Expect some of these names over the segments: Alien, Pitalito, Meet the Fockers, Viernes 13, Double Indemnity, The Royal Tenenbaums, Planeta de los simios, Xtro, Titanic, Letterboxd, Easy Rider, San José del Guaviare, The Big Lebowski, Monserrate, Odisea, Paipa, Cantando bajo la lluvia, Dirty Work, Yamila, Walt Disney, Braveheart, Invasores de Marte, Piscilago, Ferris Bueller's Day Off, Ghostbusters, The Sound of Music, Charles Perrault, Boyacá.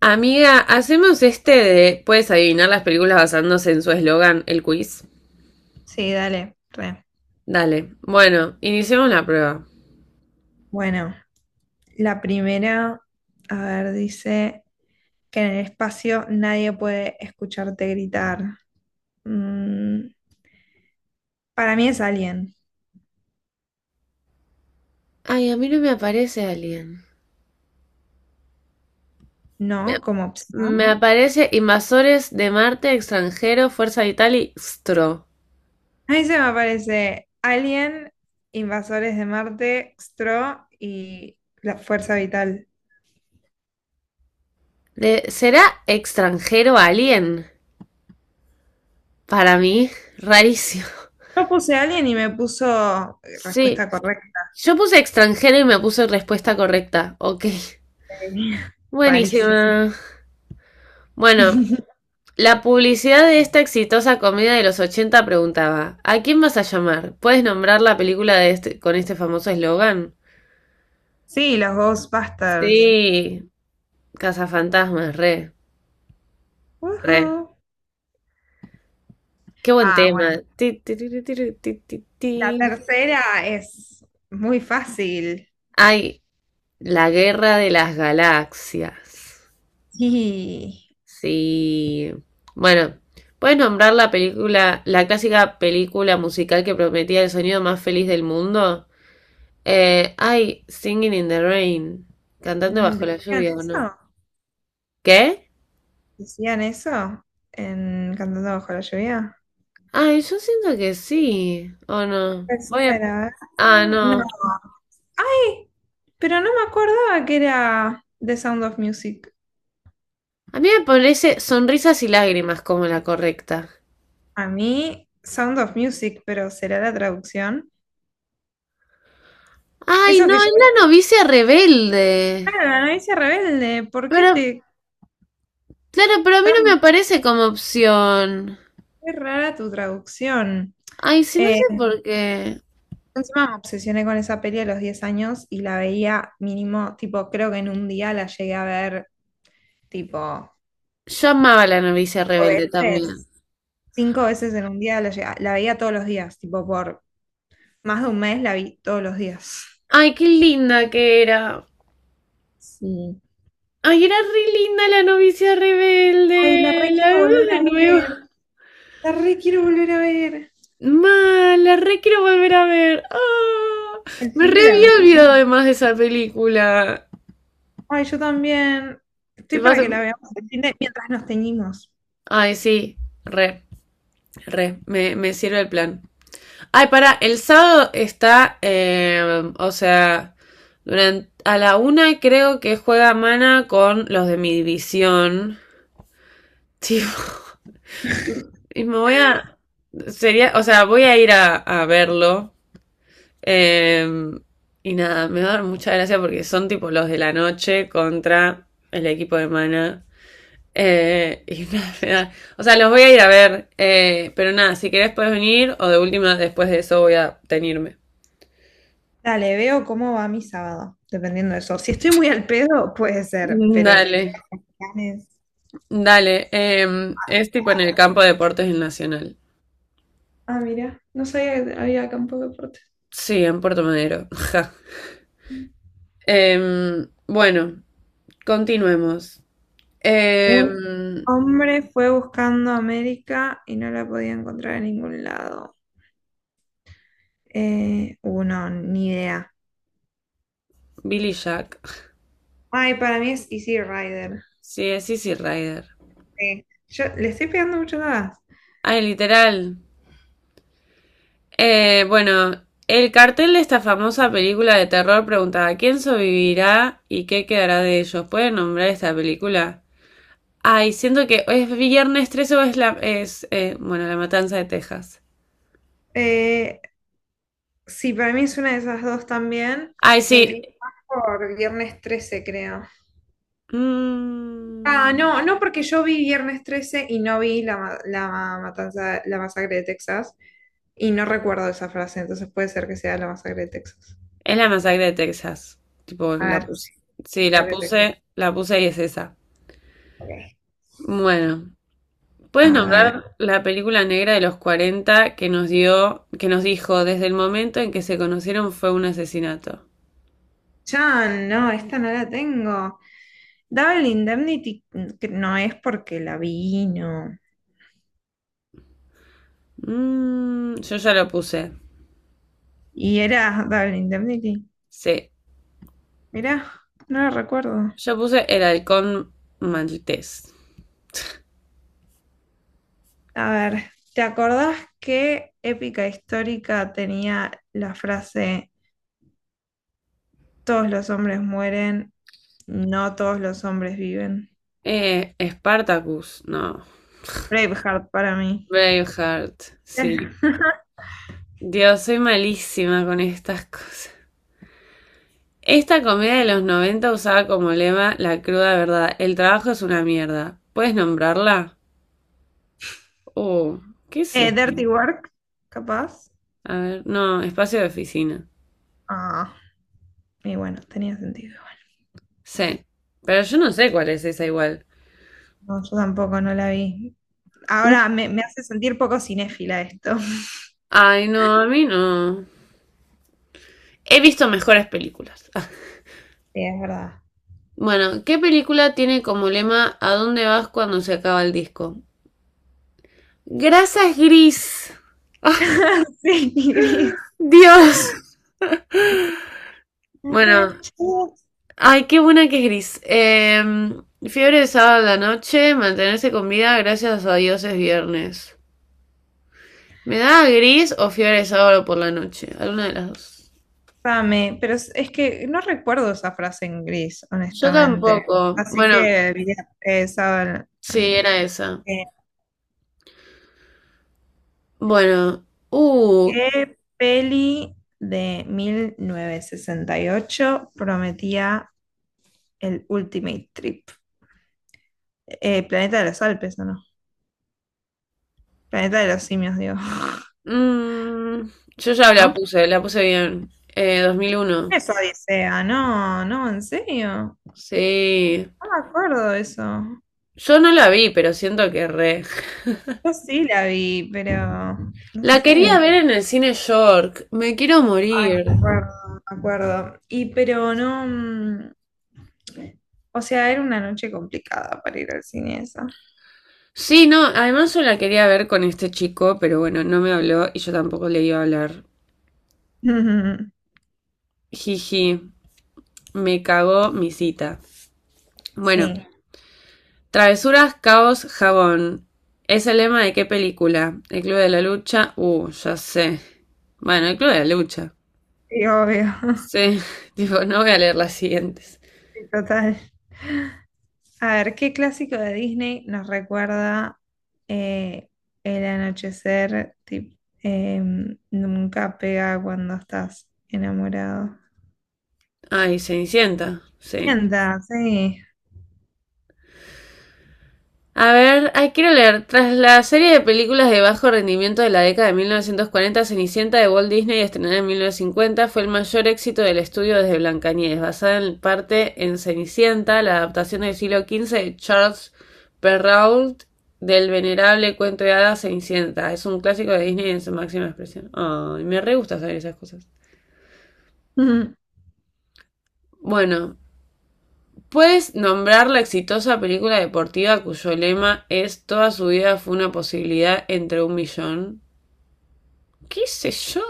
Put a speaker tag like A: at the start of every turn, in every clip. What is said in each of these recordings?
A: Amiga, hacemos este de puedes adivinar las películas basándose en su eslogan, el quiz.
B: Sí, dale, re.
A: Dale. Bueno, iniciemos la prueba.
B: Bueno, la primera, a ver, dice que en el espacio nadie puede escucharte gritar. Mm, para mí es Alien,
A: Ay, a mí no me aparece alien. Me,
B: ¿no? Como opción.
A: me aparece Invasores de Marte, Extranjero, Fuerza Vital y Stro.
B: Ahí se me aparece Alien, Invasores de Marte, Xtro y la Fuerza Vital.
A: ¿Será extranjero alien? Para mí, rarísimo.
B: Yo puse Alien y me puso
A: Sí.
B: respuesta correcta.
A: Yo puse extranjero y me puse respuesta correcta. Ok.
B: Sí. Rarísimo.
A: Buenísima. Bueno, la publicidad de esta exitosa comedia de los 80 preguntaba: ¿A quién vas a llamar? ¿Puedes nombrar la película de con este famoso eslogan?
B: Sí, los Ghostbusters.
A: Sí, Cazafantasmas, re, re.
B: Ujú.
A: Qué buen
B: Ah, bueno.
A: tema. Ti, ti, ti, ti, ti, ti, ti,
B: La
A: ti.
B: tercera es muy fácil.
A: Ay, la guerra de las galaxias.
B: Sí.
A: Sí. Bueno, ¿puedes nombrar la película, la clásica película musical que prometía el sonido más feliz del mundo? Ay, Singing in the Rain. Cantando bajo la
B: ¿Decían
A: lluvia, ¿o no?
B: eso?
A: ¿Qué?
B: ¿Decían eso? En Cantando bajo la lluvia.
A: Ay, yo siento que sí. ¿O no? Voy a...
B: Tercera. ¿Eh?
A: Ah,
B: No.
A: no.
B: ¡Ay! Pero no me acordaba que era The Sound of Music.
A: A mí me parece Sonrisas y Lágrimas como la correcta.
B: A mí, Sound of Music, pero será la traducción.
A: Ay,
B: Eso
A: no,
B: que
A: es
B: yo.
A: la novicia rebelde.
B: Claro, la novicia rebelde. ¿Por qué
A: Pero,
B: te
A: claro, pero a mí no me
B: tan
A: aparece como opción.
B: qué rara tu traducción?
A: Ay, sí, no
B: Eh,
A: sé por qué.
B: Encima me obsesioné con esa peli a los 10 años y la veía mínimo, tipo, creo que en un día la llegué a ver, tipo,
A: Yo amaba la novicia
B: o
A: rebelde también.
B: veces, cinco veces en un día la veía todos los días, tipo, por más de un mes la vi todos los días.
A: Ay, qué linda que era.
B: Sí.
A: Ay, era re linda la novicia
B: Ay, la re
A: rebelde. La
B: quiero
A: vemos
B: volver
A: de
B: a
A: nuevo.
B: ver, la re quiero volver a ver.
A: Mal, la re quiero volver a ver. Ah,
B: El
A: me
B: fin
A: re
B: de la
A: había
B: veré.
A: olvidado además de esa película.
B: Ay, yo también. Estoy
A: Te vas
B: para
A: a-
B: que la veamos mientras nos teñimos.
A: Ay, sí, re, re, me sirve el plan. Ay, pará, el sábado está, o sea, durante a la una creo que juega Mana con los de mi división. Tipo, y me voy a, sería, o sea, voy a ir a verlo. Eh, y nada, me va a dar mucha gracia porque son tipo los de la noche contra el equipo de Mana. Y nada, o sea, los voy a ir a ver. Pero nada, si querés puedes venir o de última, después de eso voy a tenirme.
B: Dale, veo cómo va mi sábado, dependiendo de eso. Si estoy muy al pedo, puede ser, pero si
A: Dale,
B: tengo planes.
A: dale. Es tipo en el campo de deportes del Nacional.
B: Ah, mira, no sabía que había campo de deportes.
A: Sí, en Puerto Madero. Ja. Bueno, continuemos.
B: Un
A: Em,
B: hombre fue buscando América y no la podía encontrar en ningún lado. Uno, ni idea.
A: Billy Jack.
B: Ay, para mí es Easy Rider.
A: Sí, es Easy Rider.
B: Sí. Yo le estoy pegando mucho más.
A: Ay, literal. Bueno, el cartel de esta famosa película de terror preguntaba quién sobrevivirá y qué quedará de ellos. ¿Pueden nombrar esta película? Ay, siento que es Viernes 13 o es la... es, bueno, La Matanza de Texas.
B: Eh, sí, para mí es una de esas dos también.
A: Ay,
B: Me
A: sí.
B: inclino más por Viernes 13, creo. Ah,
A: Mm,
B: no, no, porque yo vi Viernes 13 y no vi la matanza, la masacre de Texas y no recuerdo esa frase, entonces puede ser que sea la masacre de Texas.
A: es la masacre de Texas. Tipo,
B: A
A: la
B: ver, sí,
A: puse. Sí,
B: masacre de Texas.
A: la puse y es esa.
B: Ok.
A: Bueno,
B: A
A: ¿puedes
B: ver,
A: nombrar la película negra de los 40 que nos dio, que nos dijo desde el momento en que se conocieron fue un asesinato?
B: ya no, esta no la tengo. Double Indemnity, que no es porque la vi, no.
A: Mm, yo ya lo puse.
B: Y era Double Indemnity.
A: Sí.
B: Mirá, no la recuerdo.
A: Yo puse el halcón maltés.
B: A ver, ¿te acordás que Épica Histórica tenía la frase todos los hombres mueren? No todos los hombres viven.
A: Spartacus, no.
B: Braveheart para mí.
A: Braveheart, sí. Dios, soy malísima con estas cosas. Esta comedia de los 90 usaba como lema la cruda verdad. El trabajo es una mierda. ¿Puedes nombrarla? Oh, ¿qué es esto?
B: Dirty Work, capaz.
A: A ver, no, espacio de oficina.
B: Ah, y bueno, tenía sentido.
A: Sí. Pero yo no sé cuál es esa igual.
B: No, yo tampoco no la vi. Ahora me hace sentir poco cinéfila esto.
A: Ay, no, a mí no. He visto mejores películas.
B: Sí, es verdad.
A: Bueno, ¿qué película tiene como lema ¿a dónde vas cuando se acaba el disco? Grasa es gris. ¡Ay,
B: Sí, gris.
A: Dios!
B: I
A: Bueno,
B: got you.
A: ay, qué buena que es gris. Fiebre de sábado a la noche, mantenerse con vida gracias a Dios es viernes. ¿Me da gris o fiebre de sábado por la noche? Alguna de las dos.
B: Dame, pero es que no recuerdo esa frase en gris,
A: Yo
B: honestamente.
A: tampoco.
B: Así
A: Bueno,
B: que, bien, saben,
A: sí, era esa.
B: eh,
A: Bueno,
B: ¿qué peli de 1968 prometía el Ultimate Trip? Planeta de los Alpes, ¿o no? Planeta de los simios, digo.
A: mm, yo ya
B: ¿No?
A: la puse bien. 2001.
B: Es Odisea, no, no, en serio.
A: Sí.
B: No me acuerdo de eso.
A: Yo no la vi, pero siento que re.
B: Yo sí la vi, pero no
A: La quería
B: sé.
A: ver en el cine York. Me quiero
B: Ay, me
A: morir.
B: acuerdo, me acuerdo. Y pero no. O sea, era una noche complicada para ir al cine esa.
A: Sí, no, además yo la quería ver con este chico, pero bueno, no me habló y yo tampoco le iba a hablar. Jiji, me cagó mi cita. Bueno,
B: Sí,
A: sí. Travesuras, caos, jabón. ¿Es el lema de qué película? ¿El Club de la Lucha? Ya sé. Bueno, el Club de la Lucha.
B: sí, obvio.
A: Sí, digo, no voy a leer las siguientes.
B: Sí, total. A ver, ¿qué clásico de Disney nos recuerda eh, el anochecer? Nunca pega cuando estás enamorado.
A: Ay, Cenicienta, sí.
B: Sienta, sí.
A: A ver, hay quiero leer. Tras la serie de películas de bajo rendimiento de la década de 1940, Cenicienta de Walt Disney, estrenada en 1950, fue el mayor éxito del estudio desde Blancanieves, basada en parte en Cenicienta, la adaptación del siglo XV de Charles Perrault del venerable cuento de hadas Cenicienta. Es un clásico de Disney en su máxima expresión. Ay, oh, me re gusta saber esas cosas.
B: Ujú.
A: Bueno, puedes nombrar la exitosa película deportiva cuyo lema es toda su vida fue una posibilidad entre un millón. ¿Qué sé yo?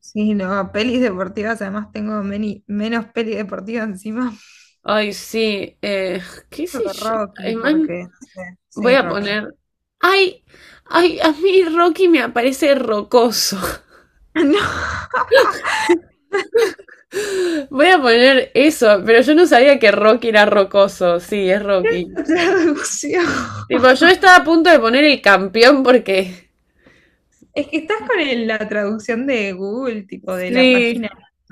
B: Sí, no, pelis deportivas, además tengo menos pelis deportivas encima
A: Ay, sí. ¿Qué sé
B: de
A: yo?
B: Rocky,
A: Ay, man,
B: porque, no sé,
A: voy
B: sí,
A: a
B: Rocky.
A: poner... Ay, ay, a mí Rocky me aparece rocoso. Voy a poner eso, pero yo no sabía que Rocky era rocoso. Sí, es Rocky.
B: No, traducción.
A: Tipo, yo estaba a punto de poner el campeón porque...
B: Es que estás con la traducción de Google, tipo de la
A: Sí.
B: página.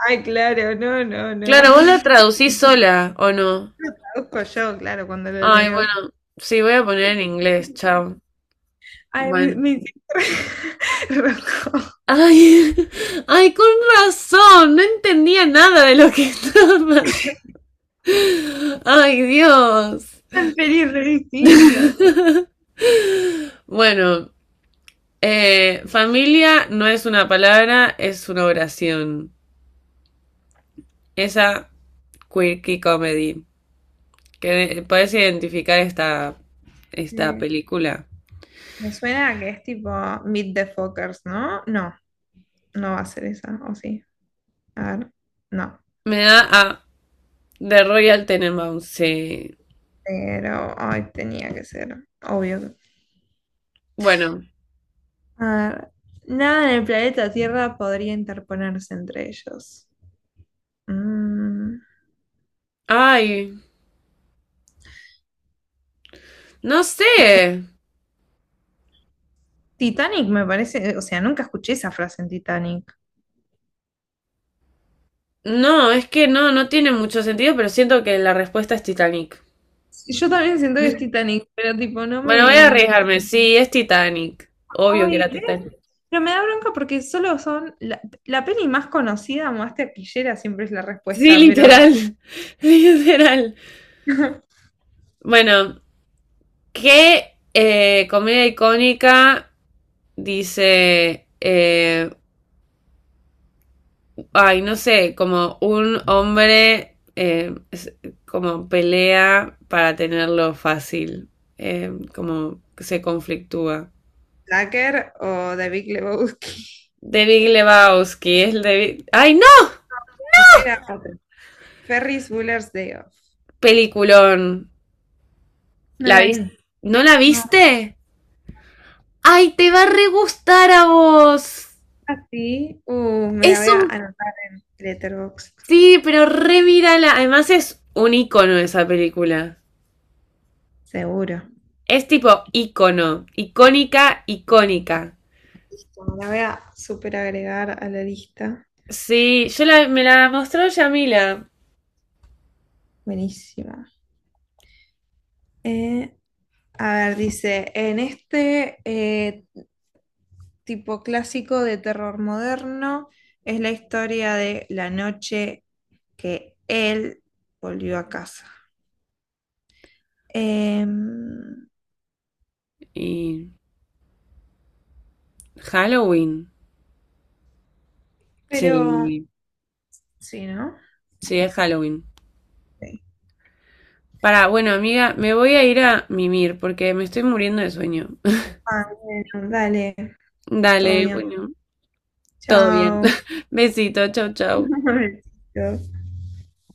B: Ay, claro, no, no, no.
A: Claro, vos la traducís sola, ¿o no?
B: Traduzco yo, claro, cuando lo
A: Ay,
B: leo.
A: bueno, sí, voy a poner en inglés, chao.
B: Ay, me,
A: Bueno.
B: me rojo.
A: Ay, ay, con razón, no entendía nada de lo que estaba pasando. Ay, Dios.
B: Tan pelis re distintas.
A: Bueno, familia no es una palabra, es una oración. Esa quirky comedy. Que puedes identificar esta
B: Eh,
A: película.
B: Me suena a que es tipo Meet the Fockers, ¿no? No, no va a ser esa, ¿o sí? A ver, no.
A: Me da a The Royal Tenenbaums, sí.
B: Pero, ay, tenía que ser, obvio.
A: Bueno,
B: A ver, nada en el planeta Tierra podría interponerse entre ellos. Mm.
A: ay, no sé.
B: Titanic me parece, o sea, nunca escuché esa frase en Titanic.
A: No, es que no, no tiene mucho sentido, pero siento que la respuesta es Titanic.
B: Yo también siento que es Titanic, pero tipo, no
A: Bueno, voy a
B: me...
A: arriesgarme. Sí, es Titanic. Obvio que
B: Ay,
A: era
B: ¿ves?
A: Titanic.
B: Pero me da bronca porque solo son... La peli más conocida, más taquillera, siempre es la
A: Sí,
B: respuesta, pero
A: literal. Literal. Bueno, ¿qué comedia icónica dice, ay, no sé, como un hombre como pelea para tenerlo fácil, como que se conflictúa?
B: Tucker o The Big Lebowski.
A: The Big Lebowski, es el de... Ay, no.
B: No, era otra. Ferris Bueller's Day Off.
A: Peliculón.
B: No
A: ¿La
B: la
A: viste?
B: vi.
A: ¿No la
B: No,
A: viste? ¡Ay, te va a re gustar a vos!
B: así. Me la
A: Es
B: voy a
A: un.
B: anotar en Letterboxd,
A: Sí, pero re mírala. Además, es un icono esa película.
B: seguro.
A: Es tipo icono. Icónica, icónica.
B: Listo, me la voy a super agregar a la lista.
A: Sí, me la mostró Yamila.
B: Buenísima. Eh, a ver, dice, en este tipo clásico de terror moderno es la historia de la noche que él volvió a casa. Em,
A: Y. Halloween.
B: pero,
A: Sí,
B: sí, ¿no?
A: sí, es Halloween.
B: Sí.
A: Para, bueno, amiga, me voy a ir a mimir porque me estoy muriendo de sueño.
B: Ah, bueno, dale, todo
A: Dale,
B: bien.
A: bueno, todo bien.
B: Chao.
A: Besito, chau, chau.
B: Besitos.